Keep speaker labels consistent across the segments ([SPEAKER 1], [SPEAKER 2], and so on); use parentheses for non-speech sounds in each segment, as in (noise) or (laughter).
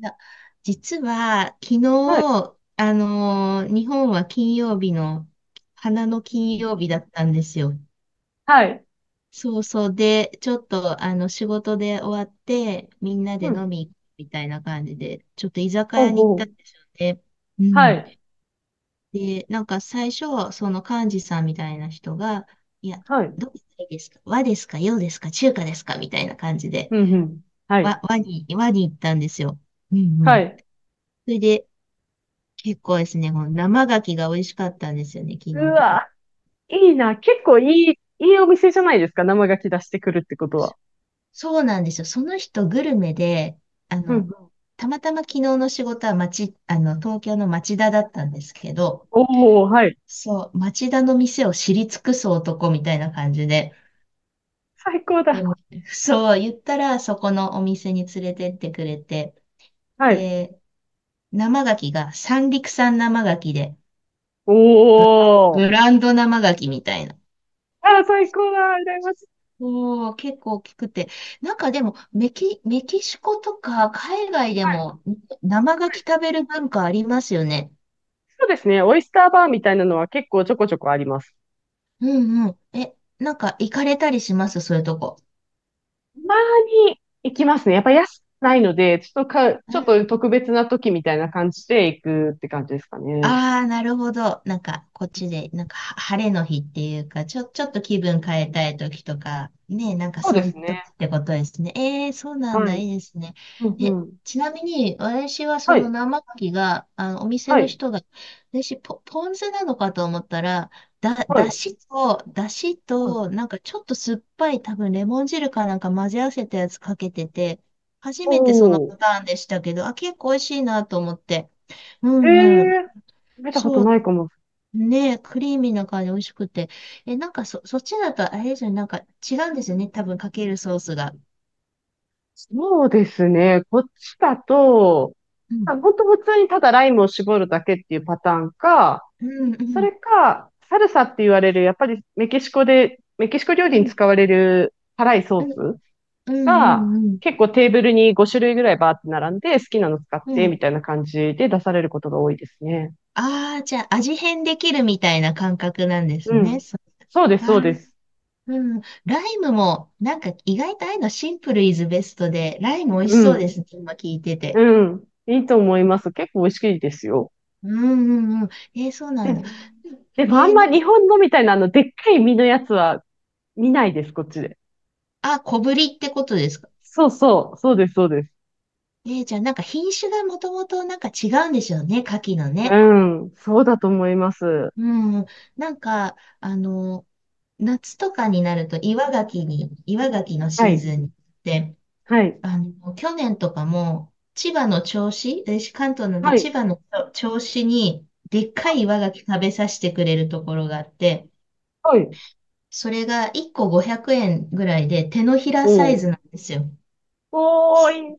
[SPEAKER 1] いや、実は、昨
[SPEAKER 2] はい。
[SPEAKER 1] 日、日本は金曜日の、花の金曜日だったんですよ。
[SPEAKER 2] はい。
[SPEAKER 1] そうそう。で、ちょっと、仕事で終わって、みんなで
[SPEAKER 2] うん。
[SPEAKER 1] 飲み行くみたいな感じで、ちょっと居酒
[SPEAKER 2] ほう
[SPEAKER 1] 屋に行っ
[SPEAKER 2] ほ
[SPEAKER 1] た
[SPEAKER 2] う。
[SPEAKER 1] んですよね。う
[SPEAKER 2] は
[SPEAKER 1] ん。
[SPEAKER 2] い。
[SPEAKER 1] で、なんか最初、その幹事さんみたいな人が、いや、
[SPEAKER 2] はい。
[SPEAKER 1] どうしたらいいですか、和ですか、洋ですか、中華ですかみたいな感じで、
[SPEAKER 2] うん、うん。は
[SPEAKER 1] 和、
[SPEAKER 2] い。
[SPEAKER 1] 和に、和に行ったんですよ。うんう
[SPEAKER 2] は
[SPEAKER 1] ん。
[SPEAKER 2] い。
[SPEAKER 1] それで、結構ですね、この生牡蠣が美味しかったんですよね、昨日
[SPEAKER 2] う
[SPEAKER 1] のとこは。
[SPEAKER 2] わ、いいな。結構いい、いいお店じゃないですか。生牡蠣出してくるってことは。
[SPEAKER 1] そうなんですよ。その人グルメで、あ
[SPEAKER 2] う
[SPEAKER 1] の、
[SPEAKER 2] ん。
[SPEAKER 1] たまたま昨日の仕事は東京の町田だったんですけど、
[SPEAKER 2] おお、はい。
[SPEAKER 1] そう、町田の店を知り尽くす男みたいな感じで、
[SPEAKER 2] 最高だ。
[SPEAKER 1] でも、そう、言ったらそこのお店に連れてってくれて、
[SPEAKER 2] はい。
[SPEAKER 1] で、生牡蠣が三陸産生牡蠣で、
[SPEAKER 2] おお。
[SPEAKER 1] ブランド生牡蠣みたいな。
[SPEAKER 2] あー、最高だ。羨ましい。
[SPEAKER 1] おー、結構大きくて。なんかでも、メキシコとか海外で
[SPEAKER 2] はい。
[SPEAKER 1] も生牡
[SPEAKER 2] は
[SPEAKER 1] 蠣
[SPEAKER 2] い。
[SPEAKER 1] 食べる文化ありますよね。
[SPEAKER 2] そうですね。オイスターバーみたいなのは結構ちょこちょこあります。
[SPEAKER 1] うんうん。え、なんか行かれたりしますそういうとこ？
[SPEAKER 2] たまに行きますね。やっぱ安くないので、ちょっと特別な時みたいな感じで行くって感じですかね。
[SPEAKER 1] ああ、なるほど。なんか、こっちで、なんか、晴れの日っていうか、ちょっと気分変えたい時とか、ね、なんか
[SPEAKER 2] そう
[SPEAKER 1] そ
[SPEAKER 2] で
[SPEAKER 1] ういう
[SPEAKER 2] すね。
[SPEAKER 1] 時ってことですね。ええ、そうなん
[SPEAKER 2] は
[SPEAKER 1] だ、
[SPEAKER 2] い。
[SPEAKER 1] いいですね。
[SPEAKER 2] うんう
[SPEAKER 1] え、
[SPEAKER 2] ん。
[SPEAKER 1] ちなみに、私はそ
[SPEAKER 2] は
[SPEAKER 1] の
[SPEAKER 2] い。
[SPEAKER 1] 生牡蠣が、お店
[SPEAKER 2] は
[SPEAKER 1] の
[SPEAKER 2] い。
[SPEAKER 1] 人が、私、ポン酢なのかと思ったら、
[SPEAKER 2] はい。
[SPEAKER 1] だしと、だし
[SPEAKER 2] はい
[SPEAKER 1] と、なんかちょっと酸っぱい、多分レモン汁かなんか混ぜ合わせたやつかけてて、初めてその
[SPEAKER 2] おー。
[SPEAKER 1] パターンでしたけど、あ、結構美味しいなと思って。う
[SPEAKER 2] え
[SPEAKER 1] んうん。
[SPEAKER 2] えー、見たこと
[SPEAKER 1] そ
[SPEAKER 2] な
[SPEAKER 1] う
[SPEAKER 2] いかも。
[SPEAKER 1] ね、クリーミーな感じ、美味しくて。え、なんかそっちだとあれですよね、なんか違うんですよね、多分かけるソースが。
[SPEAKER 2] そうですね。こっちだと、
[SPEAKER 1] うん。
[SPEAKER 2] ほんと普通にただライムを絞るだけっていうパターンか、
[SPEAKER 1] うんう
[SPEAKER 2] そ
[SPEAKER 1] ん
[SPEAKER 2] れか、サルサって言われる、やっぱりメキシコで、メキシコ料理
[SPEAKER 1] う
[SPEAKER 2] に
[SPEAKER 1] ん。
[SPEAKER 2] 使われる辛いソ
[SPEAKER 1] うん
[SPEAKER 2] ース
[SPEAKER 1] う
[SPEAKER 2] が、
[SPEAKER 1] んうん
[SPEAKER 2] 結構テーブルに5種類ぐらいバーって並んで、好きなの使っ
[SPEAKER 1] うん。
[SPEAKER 2] て、
[SPEAKER 1] うん。
[SPEAKER 2] みたいな感じで出されることが多いですね。
[SPEAKER 1] ああー、じゃあ味変できるみたいな感覚なんです
[SPEAKER 2] う
[SPEAKER 1] ね。
[SPEAKER 2] ん。
[SPEAKER 1] そ
[SPEAKER 2] そうです、
[SPEAKER 1] う。
[SPEAKER 2] そう
[SPEAKER 1] あ
[SPEAKER 2] で
[SPEAKER 1] ー、
[SPEAKER 2] す。
[SPEAKER 1] うん。ライムも、なんか意外とああいうのシンプルイズベストで、ライム美味
[SPEAKER 2] う
[SPEAKER 1] しそう
[SPEAKER 2] ん。
[SPEAKER 1] ですね、今聞いてて。
[SPEAKER 2] うん。いいと思います。結構美味しいですよ。
[SPEAKER 1] うんうんうん。えーそうなん
[SPEAKER 2] で、
[SPEAKER 1] だ。うん。
[SPEAKER 2] でも、あんま
[SPEAKER 1] なんか、
[SPEAKER 2] 日本のみたいなあの、でっかい身のやつは見ないです、こっちで。
[SPEAKER 1] あ、小ぶりってことですか？
[SPEAKER 2] そうそう、そうです、そうです。
[SPEAKER 1] えー、じゃあなんか品種がもともとなんか違うんでしょうね、牡蠣の
[SPEAKER 2] う
[SPEAKER 1] ね。
[SPEAKER 2] ん、そうだと思います。
[SPEAKER 1] うん。なんか、夏とかになると岩牡蠣の
[SPEAKER 2] は
[SPEAKER 1] シー
[SPEAKER 2] い、
[SPEAKER 1] ズンで、
[SPEAKER 2] はい、
[SPEAKER 1] 去年とかも千葉の銚子、私関東なんで
[SPEAKER 2] はい、
[SPEAKER 1] 千葉の銚子にでっかい岩牡蠣食べさせてくれるところがあって、
[SPEAKER 2] はい。
[SPEAKER 1] それが1個500円ぐらいで手のひらサイ
[SPEAKER 2] おー。
[SPEAKER 1] ズなんですよ。
[SPEAKER 2] おーい、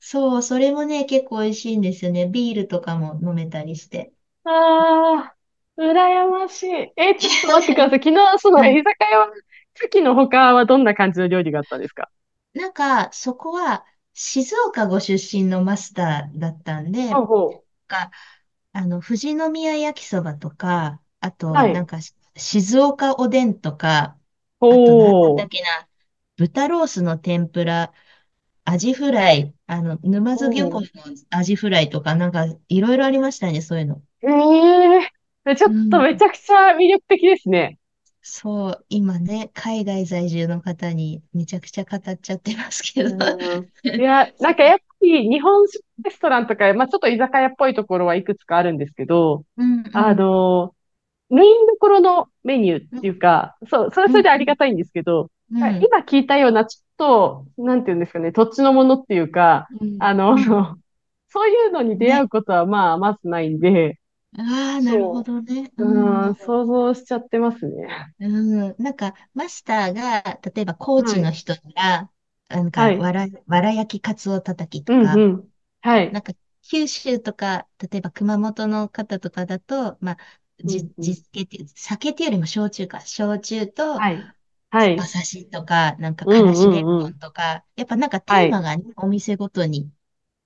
[SPEAKER 1] そう、それもね、結構美味しいんですよね。ビールとかも飲めたりして。
[SPEAKER 2] あー、羨ましい。えー、ちょっと待ってくださ
[SPEAKER 1] (laughs)
[SPEAKER 2] い。昨日、そ
[SPEAKER 1] う
[SPEAKER 2] の居
[SPEAKER 1] ん。
[SPEAKER 2] 酒屋は、牡蠣の他はどんな感じの料理があったんですか？
[SPEAKER 1] なんか、そこは、静岡ご出身のマスターだったんで、な
[SPEAKER 2] ほ
[SPEAKER 1] ん
[SPEAKER 2] うほ
[SPEAKER 1] か、富士宮焼きそばとか、あ
[SPEAKER 2] う。
[SPEAKER 1] と、
[SPEAKER 2] は
[SPEAKER 1] なん
[SPEAKER 2] い。
[SPEAKER 1] か、静岡おでんとか、あと、なんだっ
[SPEAKER 2] ほ
[SPEAKER 1] たっ
[SPEAKER 2] う。
[SPEAKER 1] けな、豚ロースの天ぷら、アジフライ、沼津漁
[SPEAKER 2] ほ
[SPEAKER 1] 港
[SPEAKER 2] う。
[SPEAKER 1] のアジフライとか、なんか、いろいろありましたね、そういうの。
[SPEAKER 2] ええ、ちょ
[SPEAKER 1] う
[SPEAKER 2] っと
[SPEAKER 1] ん。
[SPEAKER 2] めちゃくちゃ魅力的ですね。
[SPEAKER 1] そう、今ね、海外在住の方にめちゃくちゃ語っちゃってますけ
[SPEAKER 2] う
[SPEAKER 1] ど。
[SPEAKER 2] ん。い
[SPEAKER 1] (laughs)
[SPEAKER 2] や、な
[SPEAKER 1] そ
[SPEAKER 2] ん
[SPEAKER 1] う。
[SPEAKER 2] かやっぱり日本食レストランとか、まあちょっと居酒屋っぽいところはいくつかあるんですけど、
[SPEAKER 1] うんう
[SPEAKER 2] あ
[SPEAKER 1] ん。
[SPEAKER 2] の、メインどころのメニューっ
[SPEAKER 1] う
[SPEAKER 2] てい
[SPEAKER 1] ん、
[SPEAKER 2] うか、そう、それは
[SPEAKER 1] う
[SPEAKER 2] それ
[SPEAKER 1] ん、
[SPEAKER 2] であ
[SPEAKER 1] う
[SPEAKER 2] りが
[SPEAKER 1] ん、
[SPEAKER 2] たいんですけど、
[SPEAKER 1] うん、
[SPEAKER 2] 今聞いたようなちょっと、なんていうんですかね、土地のものっていうか、
[SPEAKER 1] うん、
[SPEAKER 2] あの、
[SPEAKER 1] うん。
[SPEAKER 2] (laughs) そういうのに出会
[SPEAKER 1] ね。
[SPEAKER 2] うことはまあまずないんで、
[SPEAKER 1] ああ、なるほ
[SPEAKER 2] そ
[SPEAKER 1] どね。う
[SPEAKER 2] う。
[SPEAKER 1] ん、う
[SPEAKER 2] うん、
[SPEAKER 1] ん、
[SPEAKER 2] 想像しちゃってますね。
[SPEAKER 1] うん。なんか、マスターが、例えば、コー
[SPEAKER 2] は
[SPEAKER 1] チの
[SPEAKER 2] い。
[SPEAKER 1] 人が、なん
[SPEAKER 2] は
[SPEAKER 1] か、
[SPEAKER 2] い。
[SPEAKER 1] わら焼きカツオたたき
[SPEAKER 2] う
[SPEAKER 1] と
[SPEAKER 2] んう
[SPEAKER 1] か、
[SPEAKER 2] ん。は
[SPEAKER 1] なん
[SPEAKER 2] い。
[SPEAKER 1] か、九州とか、例えば、熊本の方とかだと、まあ、
[SPEAKER 2] うんうん。
[SPEAKER 1] 地酒っていう、酒っていうよりも焼酎か、焼酎と、
[SPEAKER 2] はい。は
[SPEAKER 1] 馬
[SPEAKER 2] い。
[SPEAKER 1] 刺しとか、なんか、
[SPEAKER 2] う
[SPEAKER 1] から
[SPEAKER 2] んう
[SPEAKER 1] しレ
[SPEAKER 2] ん
[SPEAKER 1] モ
[SPEAKER 2] うん。
[SPEAKER 1] ンとか、やっぱなんかテ
[SPEAKER 2] は
[SPEAKER 1] ーマ
[SPEAKER 2] い。
[SPEAKER 1] がね、お店ごとに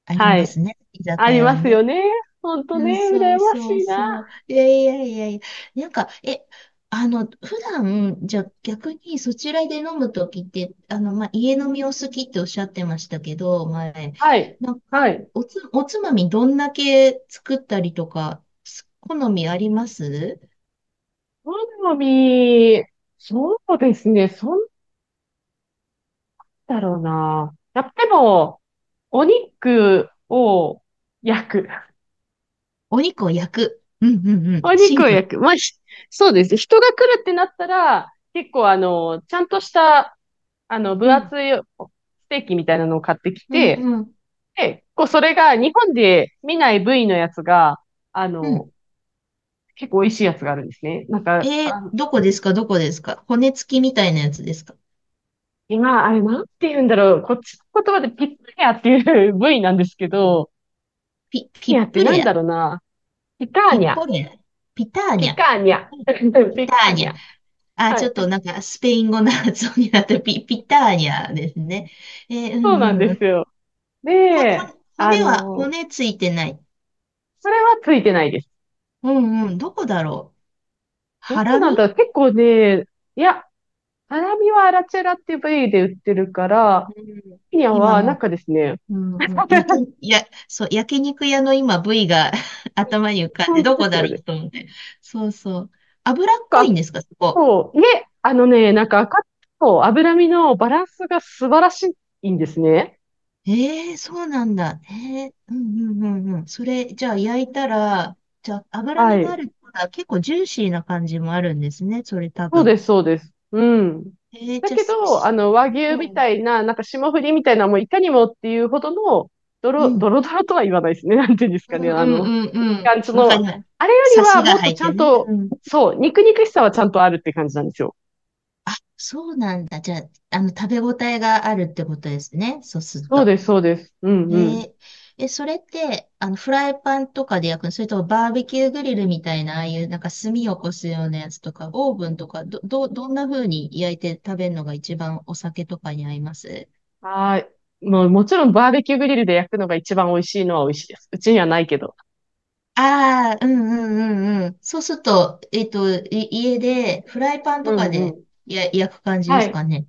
[SPEAKER 1] あり
[SPEAKER 2] は
[SPEAKER 1] ま
[SPEAKER 2] い。
[SPEAKER 1] すね、居
[SPEAKER 2] あ
[SPEAKER 1] 酒
[SPEAKER 2] り
[SPEAKER 1] 屋
[SPEAKER 2] ま
[SPEAKER 1] は
[SPEAKER 2] す
[SPEAKER 1] ね。
[SPEAKER 2] よね。ほんと
[SPEAKER 1] う
[SPEAKER 2] ね、
[SPEAKER 1] ん、そ
[SPEAKER 2] 羨
[SPEAKER 1] う
[SPEAKER 2] まし
[SPEAKER 1] そう
[SPEAKER 2] い
[SPEAKER 1] そ
[SPEAKER 2] な。
[SPEAKER 1] う。いやいやいやいや。なんか、え、普段、じゃあ逆にそちらで飲むときって、まあ、家飲みを好きっておっしゃってましたけど、前、
[SPEAKER 2] はい。
[SPEAKER 1] なん
[SPEAKER 2] は
[SPEAKER 1] か、
[SPEAKER 2] い。
[SPEAKER 1] おつまみどんだけ作ったりとか、好みあります？
[SPEAKER 2] 好み、そうですね。そんだろうな。やっぱでも、お肉を焼く。
[SPEAKER 1] お肉を焼く。うんうんうん。
[SPEAKER 2] お
[SPEAKER 1] シ
[SPEAKER 2] 肉
[SPEAKER 1] ン
[SPEAKER 2] を
[SPEAKER 1] プル。
[SPEAKER 2] 焼く。まあ、ひ、そうですね。人が来るってなったら、結構あの、ちゃんとした、あの、分
[SPEAKER 1] うん。
[SPEAKER 2] 厚いステーキみたいなのを買ってき
[SPEAKER 1] うん
[SPEAKER 2] て、
[SPEAKER 1] うん
[SPEAKER 2] で、こう、それが日本で見ない部位のやつが、あ
[SPEAKER 1] う
[SPEAKER 2] の、
[SPEAKER 1] ん。
[SPEAKER 2] 結構美味しいやつがあるんですね。なん
[SPEAKER 1] え
[SPEAKER 2] か、
[SPEAKER 1] ー、
[SPEAKER 2] あの、
[SPEAKER 1] どこですか、どこですか？骨付きみたいなやつですか？
[SPEAKER 2] 今、あれなんて言うんだろう。こっちの言葉でピッタニャっていう部位なんですけど、
[SPEAKER 1] ピ
[SPEAKER 2] ピッタ
[SPEAKER 1] ッ
[SPEAKER 2] ニャって
[SPEAKER 1] プ
[SPEAKER 2] なん
[SPEAKER 1] レア。
[SPEAKER 2] だろうな。ピカ
[SPEAKER 1] ピ
[SPEAKER 2] ー
[SPEAKER 1] ッ
[SPEAKER 2] ニャ。
[SPEAKER 1] ポリア、ピターニ
[SPEAKER 2] ピ
[SPEAKER 1] ャ。
[SPEAKER 2] カーニャ。(laughs)
[SPEAKER 1] ピ
[SPEAKER 2] ピ
[SPEAKER 1] タ
[SPEAKER 2] カ
[SPEAKER 1] ー
[SPEAKER 2] ー
[SPEAKER 1] ニ
[SPEAKER 2] ニ
[SPEAKER 1] ャ。
[SPEAKER 2] ャ。
[SPEAKER 1] あ、
[SPEAKER 2] は
[SPEAKER 1] ちょっと
[SPEAKER 2] い。
[SPEAKER 1] なんかスペイン語の発音になったピターニャですね。えー、う
[SPEAKER 2] そうなん
[SPEAKER 1] んう
[SPEAKER 2] で
[SPEAKER 1] ん。
[SPEAKER 2] すよ。
[SPEAKER 1] ほ、ほ、
[SPEAKER 2] で、あの、
[SPEAKER 1] 骨ついてない？
[SPEAKER 2] それはついてないです。
[SPEAKER 1] うんうん。どこだろう。
[SPEAKER 2] ど
[SPEAKER 1] ハ
[SPEAKER 2] う
[SPEAKER 1] ラ
[SPEAKER 2] なん
[SPEAKER 1] ミ。
[SPEAKER 2] だろう。結構ね、いや、ハラミはアラチェラっていう部位で売ってるから、
[SPEAKER 1] うん。
[SPEAKER 2] ピニャ
[SPEAKER 1] 今
[SPEAKER 2] はなん
[SPEAKER 1] も
[SPEAKER 2] かですね、
[SPEAKER 1] う、うんうん。
[SPEAKER 2] (laughs)
[SPEAKER 1] 焼け、や、そう、焼肉屋の今部位が (laughs) 頭に浮かんで、
[SPEAKER 2] 本当
[SPEAKER 1] ど
[SPEAKER 2] で
[SPEAKER 1] こ
[SPEAKER 2] す
[SPEAKER 1] だ
[SPEAKER 2] よ
[SPEAKER 1] ろ
[SPEAKER 2] ね。
[SPEAKER 1] うと思って。そうそう。脂っこ
[SPEAKER 2] なん
[SPEAKER 1] い
[SPEAKER 2] か、
[SPEAKER 1] んですか、そこ。
[SPEAKER 2] 赤と脂身のバランスが素晴らしいんですね。
[SPEAKER 1] ええ、そうなんだ。ええ。うんうんうんうん。それ、じゃあ焼いたら、じゃあ脂
[SPEAKER 2] は
[SPEAKER 1] 身も
[SPEAKER 2] い。
[SPEAKER 1] あるってことは結構ジューシーな感じもあるんですね、それ多
[SPEAKER 2] そう
[SPEAKER 1] 分。
[SPEAKER 2] です、そうです。うん。
[SPEAKER 1] ええ、
[SPEAKER 2] だ
[SPEAKER 1] じゃあ、
[SPEAKER 2] けど、あの、和牛
[SPEAKER 1] う
[SPEAKER 2] み
[SPEAKER 1] ん、
[SPEAKER 2] たいな、なんか霜降りみたいな、もういかにもっていうほどの、
[SPEAKER 1] うん、
[SPEAKER 2] ドロドロとは言わないですね。(laughs) なんていうんです
[SPEAKER 1] う
[SPEAKER 2] か
[SPEAKER 1] ん
[SPEAKER 2] ね。
[SPEAKER 1] う
[SPEAKER 2] あ
[SPEAKER 1] ん
[SPEAKER 2] の、
[SPEAKER 1] う
[SPEAKER 2] 一
[SPEAKER 1] んうん。
[SPEAKER 2] 貫、そ
[SPEAKER 1] わか
[SPEAKER 2] の、
[SPEAKER 1] ります。
[SPEAKER 2] あれより
[SPEAKER 1] サ
[SPEAKER 2] は
[SPEAKER 1] シ
[SPEAKER 2] も
[SPEAKER 1] が
[SPEAKER 2] っと
[SPEAKER 1] 入っ
[SPEAKER 2] ちゃ
[SPEAKER 1] て
[SPEAKER 2] ん
[SPEAKER 1] ね。
[SPEAKER 2] と、
[SPEAKER 1] うん。
[SPEAKER 2] そう、肉肉しさはちゃんとあるって感じなんですよ。
[SPEAKER 1] あ、そうなんだ。じゃあ、食べ応えがあるってことですね、そうする
[SPEAKER 2] そう
[SPEAKER 1] と。
[SPEAKER 2] です、そうです。うん
[SPEAKER 1] え
[SPEAKER 2] うん。
[SPEAKER 1] ー、え、それって、フライパンとかで焼くのそれともバーベキューグリルみたいな、ああいうなんか炭を起こすようなやつとか、オーブンとか、どんな風に焼いて食べるのが一番お酒とかに合います？
[SPEAKER 2] はい。もうもちろんバーベキューグリルで焼くのが一番美味しいのは美味しいです。うちにはないけど。
[SPEAKER 1] ああー、うんうんうんうん。そうすると、家でフライパン
[SPEAKER 2] う
[SPEAKER 1] とか
[SPEAKER 2] んう
[SPEAKER 1] で
[SPEAKER 2] ん。
[SPEAKER 1] 焼く感じで
[SPEAKER 2] は
[SPEAKER 1] すか
[SPEAKER 2] い。
[SPEAKER 1] ね。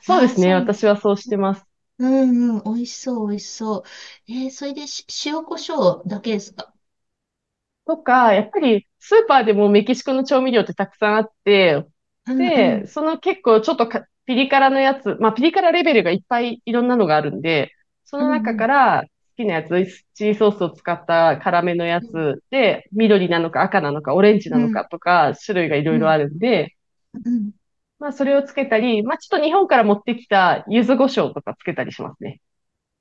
[SPEAKER 2] そうで
[SPEAKER 1] ああ、
[SPEAKER 2] す
[SPEAKER 1] そ
[SPEAKER 2] ね。
[SPEAKER 1] うね。
[SPEAKER 2] 私はそうしてます。
[SPEAKER 1] うんうん、美味しそう、美味しそう。えー、それで塩コショウだけですか？
[SPEAKER 2] とか、やっぱりスーパーでもメキシコの調味料ってたくさんあって、
[SPEAKER 1] うんうん、
[SPEAKER 2] で、結構ちょっとピリ辛のやつ、まあピリ辛レベルがいっぱいいろんなのがあるんで、そ
[SPEAKER 1] う
[SPEAKER 2] の
[SPEAKER 1] んう
[SPEAKER 2] 中か
[SPEAKER 1] ん、
[SPEAKER 2] ら好きなやつ、チリソースを使った辛めのや
[SPEAKER 1] うん、
[SPEAKER 2] つで、緑なのか赤なのかオレンジ
[SPEAKER 1] う
[SPEAKER 2] なのか
[SPEAKER 1] ん、
[SPEAKER 2] とか種類がいろ
[SPEAKER 1] う
[SPEAKER 2] いろ
[SPEAKER 1] ん。
[SPEAKER 2] あるんで、
[SPEAKER 1] うん。
[SPEAKER 2] まあ、それをつけたり、まあ、ちょっと日本から持ってきた柚子胡椒とかつけたりしますね。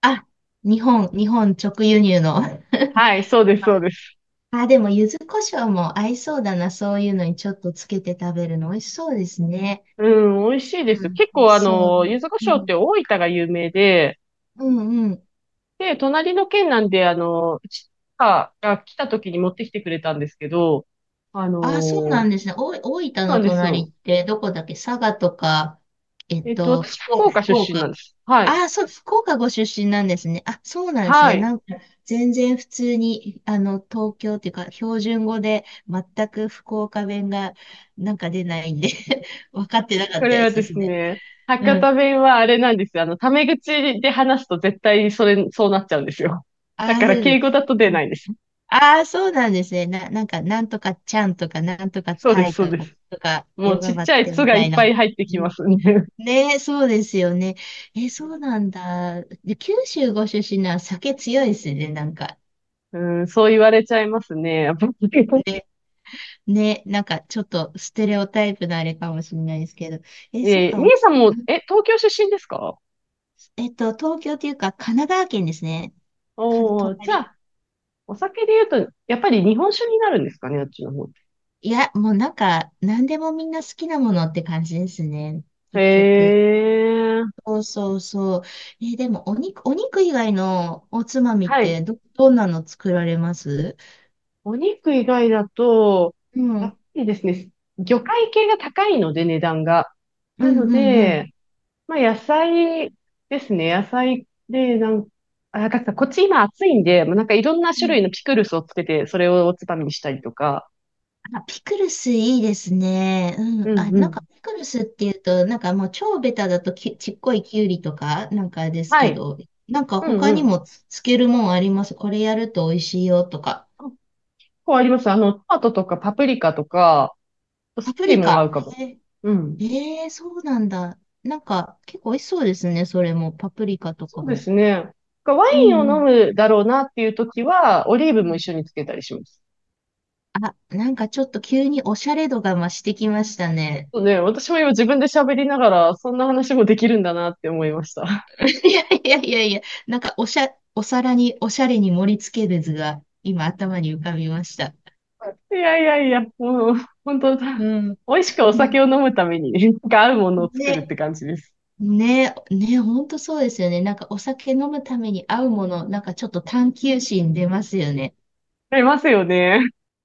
[SPEAKER 1] あ、日本直輸入の。はい。 (laughs)
[SPEAKER 2] はい、そうです、そうです。
[SPEAKER 1] あ、でも、柚子胡椒も合いそうだな。そういうのにちょっとつけて食べるの美味しそうですね。
[SPEAKER 2] うん、美味しいです
[SPEAKER 1] う
[SPEAKER 2] よ。
[SPEAKER 1] ん、
[SPEAKER 2] 結構、あ
[SPEAKER 1] そう。
[SPEAKER 2] の、柚子胡
[SPEAKER 1] う
[SPEAKER 2] 椒っ
[SPEAKER 1] ん、
[SPEAKER 2] て大分が有名で、
[SPEAKER 1] うん、うん。
[SPEAKER 2] で、隣の県なんで、あの、うちが来た時に持ってきてくれたんですけど、あの、
[SPEAKER 1] あ、そうな
[SPEAKER 2] そ
[SPEAKER 1] んですね。大分
[SPEAKER 2] うな
[SPEAKER 1] の
[SPEAKER 2] んです
[SPEAKER 1] 隣
[SPEAKER 2] よ。
[SPEAKER 1] ってどこだっけ？佐賀とか、
[SPEAKER 2] えっと、私、福岡出
[SPEAKER 1] 福
[SPEAKER 2] 身なん
[SPEAKER 1] 岡。
[SPEAKER 2] です。は
[SPEAKER 1] あ
[SPEAKER 2] い。
[SPEAKER 1] あ、そう、福岡ご出身なんですね。あ、そうなんです
[SPEAKER 2] は
[SPEAKER 1] ね。
[SPEAKER 2] い。
[SPEAKER 1] なんか、全然普通に、東京っていうか、標準語で、全く福岡弁が、なんか出ないんで (laughs) 分かって
[SPEAKER 2] こ
[SPEAKER 1] なかった
[SPEAKER 2] れ
[SPEAKER 1] で
[SPEAKER 2] は
[SPEAKER 1] す
[SPEAKER 2] で
[SPEAKER 1] そ
[SPEAKER 2] す
[SPEAKER 1] れ。
[SPEAKER 2] ね、
[SPEAKER 1] う
[SPEAKER 2] 博多
[SPEAKER 1] ん。
[SPEAKER 2] 弁はあれなんですよ。あの、タメ口で話すと絶対それ、そうなっちゃうんですよ。だ
[SPEAKER 1] あ
[SPEAKER 2] か
[SPEAKER 1] あ、そ
[SPEAKER 2] ら、
[SPEAKER 1] う
[SPEAKER 2] 敬
[SPEAKER 1] です。
[SPEAKER 2] 語だと出
[SPEAKER 1] うん。
[SPEAKER 2] ないんです。
[SPEAKER 1] ああ、そうなんですね。なんか、なんとかちゃんとか、なんとか
[SPEAKER 2] そうで
[SPEAKER 1] た
[SPEAKER 2] す、
[SPEAKER 1] い
[SPEAKER 2] そう
[SPEAKER 1] と
[SPEAKER 2] で
[SPEAKER 1] か、
[SPEAKER 2] す。
[SPEAKER 1] とか、
[SPEAKER 2] も
[SPEAKER 1] ヨ
[SPEAKER 2] うち
[SPEAKER 1] ガ
[SPEAKER 2] っ
[SPEAKER 1] バっ
[SPEAKER 2] ちゃい
[SPEAKER 1] て
[SPEAKER 2] 「つ」
[SPEAKER 1] み
[SPEAKER 2] が
[SPEAKER 1] た
[SPEAKER 2] い
[SPEAKER 1] い
[SPEAKER 2] っ
[SPEAKER 1] な。
[SPEAKER 2] ぱい入って
[SPEAKER 1] う
[SPEAKER 2] きま
[SPEAKER 1] ん。
[SPEAKER 2] すね。(laughs)
[SPEAKER 1] ねえ、そうですよね。え、そうなんだ。で、九州ご出身なら酒強いですね、なんか。
[SPEAKER 2] うん、そう言われちゃいますね。(laughs) やっぱり (laughs)。
[SPEAKER 1] ねね、なんかちょっとステレオタイプのあれかもしれないですけど。え、そっ
[SPEAKER 2] えー、
[SPEAKER 1] か。お
[SPEAKER 2] み
[SPEAKER 1] ん。
[SPEAKER 2] えさんも、
[SPEAKER 1] (laughs)
[SPEAKER 2] え、東京出身ですか？
[SPEAKER 1] 東京というか、神奈川県ですね。
[SPEAKER 2] おー、じゃ
[SPEAKER 1] 隣。
[SPEAKER 2] あ、お酒で言うと、やっぱり日本酒になるんですかね、あっちの方。
[SPEAKER 1] いや、もうなんか、何でもみんな好きなものって感じですね。
[SPEAKER 2] へ
[SPEAKER 1] 結局。
[SPEAKER 2] ー。
[SPEAKER 1] そうそうそう。え、でも、お肉以外のおつまみっ
[SPEAKER 2] はい。
[SPEAKER 1] てどんなの作られます？
[SPEAKER 2] お肉以外だと、
[SPEAKER 1] うん。う
[SPEAKER 2] やっ
[SPEAKER 1] ん、
[SPEAKER 2] ぱりですね、魚介系が高いので、値段が。
[SPEAKER 1] う
[SPEAKER 2] なの
[SPEAKER 1] ん、
[SPEAKER 2] で、まあ、野菜ですね。野菜で、なん、あ、なんかこっち今暑いんで、もうなんかいろんな
[SPEAKER 1] う
[SPEAKER 2] 種
[SPEAKER 1] ん。
[SPEAKER 2] 類のピクルスをつけて、それをおつまみにしたりとか。
[SPEAKER 1] あ、ピクルスいいですね。う
[SPEAKER 2] う
[SPEAKER 1] ん。あ、
[SPEAKER 2] んう
[SPEAKER 1] なんか、
[SPEAKER 2] ん。
[SPEAKER 1] ピクルスっていうと、なんかもう超ベタだとちっこいきゅうりとか、なんかです
[SPEAKER 2] は
[SPEAKER 1] け
[SPEAKER 2] い。
[SPEAKER 1] ど、なんか
[SPEAKER 2] うん
[SPEAKER 1] 他
[SPEAKER 2] う
[SPEAKER 1] に
[SPEAKER 2] ん。
[SPEAKER 1] もつけるもんあります？これやると美味しいよとか。
[SPEAKER 2] あ、結構あります。あの、トマトとかパプリカとか、ス
[SPEAKER 1] パプ
[SPEAKER 2] プリ
[SPEAKER 1] リ
[SPEAKER 2] も合う
[SPEAKER 1] カ。
[SPEAKER 2] かも。
[SPEAKER 1] え
[SPEAKER 2] うん。
[SPEAKER 1] えー、そうなんだ。なんか、結構美味しそうですね。それも、パプリカと
[SPEAKER 2] そ
[SPEAKER 1] か
[SPEAKER 2] うで
[SPEAKER 1] も。
[SPEAKER 2] すね。ワ
[SPEAKER 1] う
[SPEAKER 2] イ
[SPEAKER 1] ん
[SPEAKER 2] ン
[SPEAKER 1] う
[SPEAKER 2] を飲
[SPEAKER 1] ん。
[SPEAKER 2] むだろうなっていう時は、オリー
[SPEAKER 1] う
[SPEAKER 2] ブも一
[SPEAKER 1] ん。
[SPEAKER 2] 緒につけたりします。
[SPEAKER 1] あ、なんかちょっと急におしゃれ度が増してきましたね。
[SPEAKER 2] そうね、私も今自分で喋りながら、そんな話もできるんだなって思いました。
[SPEAKER 1] (laughs) いやいやいやいや、なんかお皿におしゃれに盛り付ける図が今頭に浮かびました。
[SPEAKER 2] いやいやいや、もう、本当、美
[SPEAKER 1] うん。
[SPEAKER 2] 味しくお
[SPEAKER 1] な、
[SPEAKER 2] 酒を飲むために、なんか合うものを作るっ
[SPEAKER 1] ね、
[SPEAKER 2] て感じです。
[SPEAKER 1] ね、ね、ほんとそうですよね。なんかお酒飲むために合うもの、なんかちょっと探求心出ますよね。
[SPEAKER 2] ありますよね。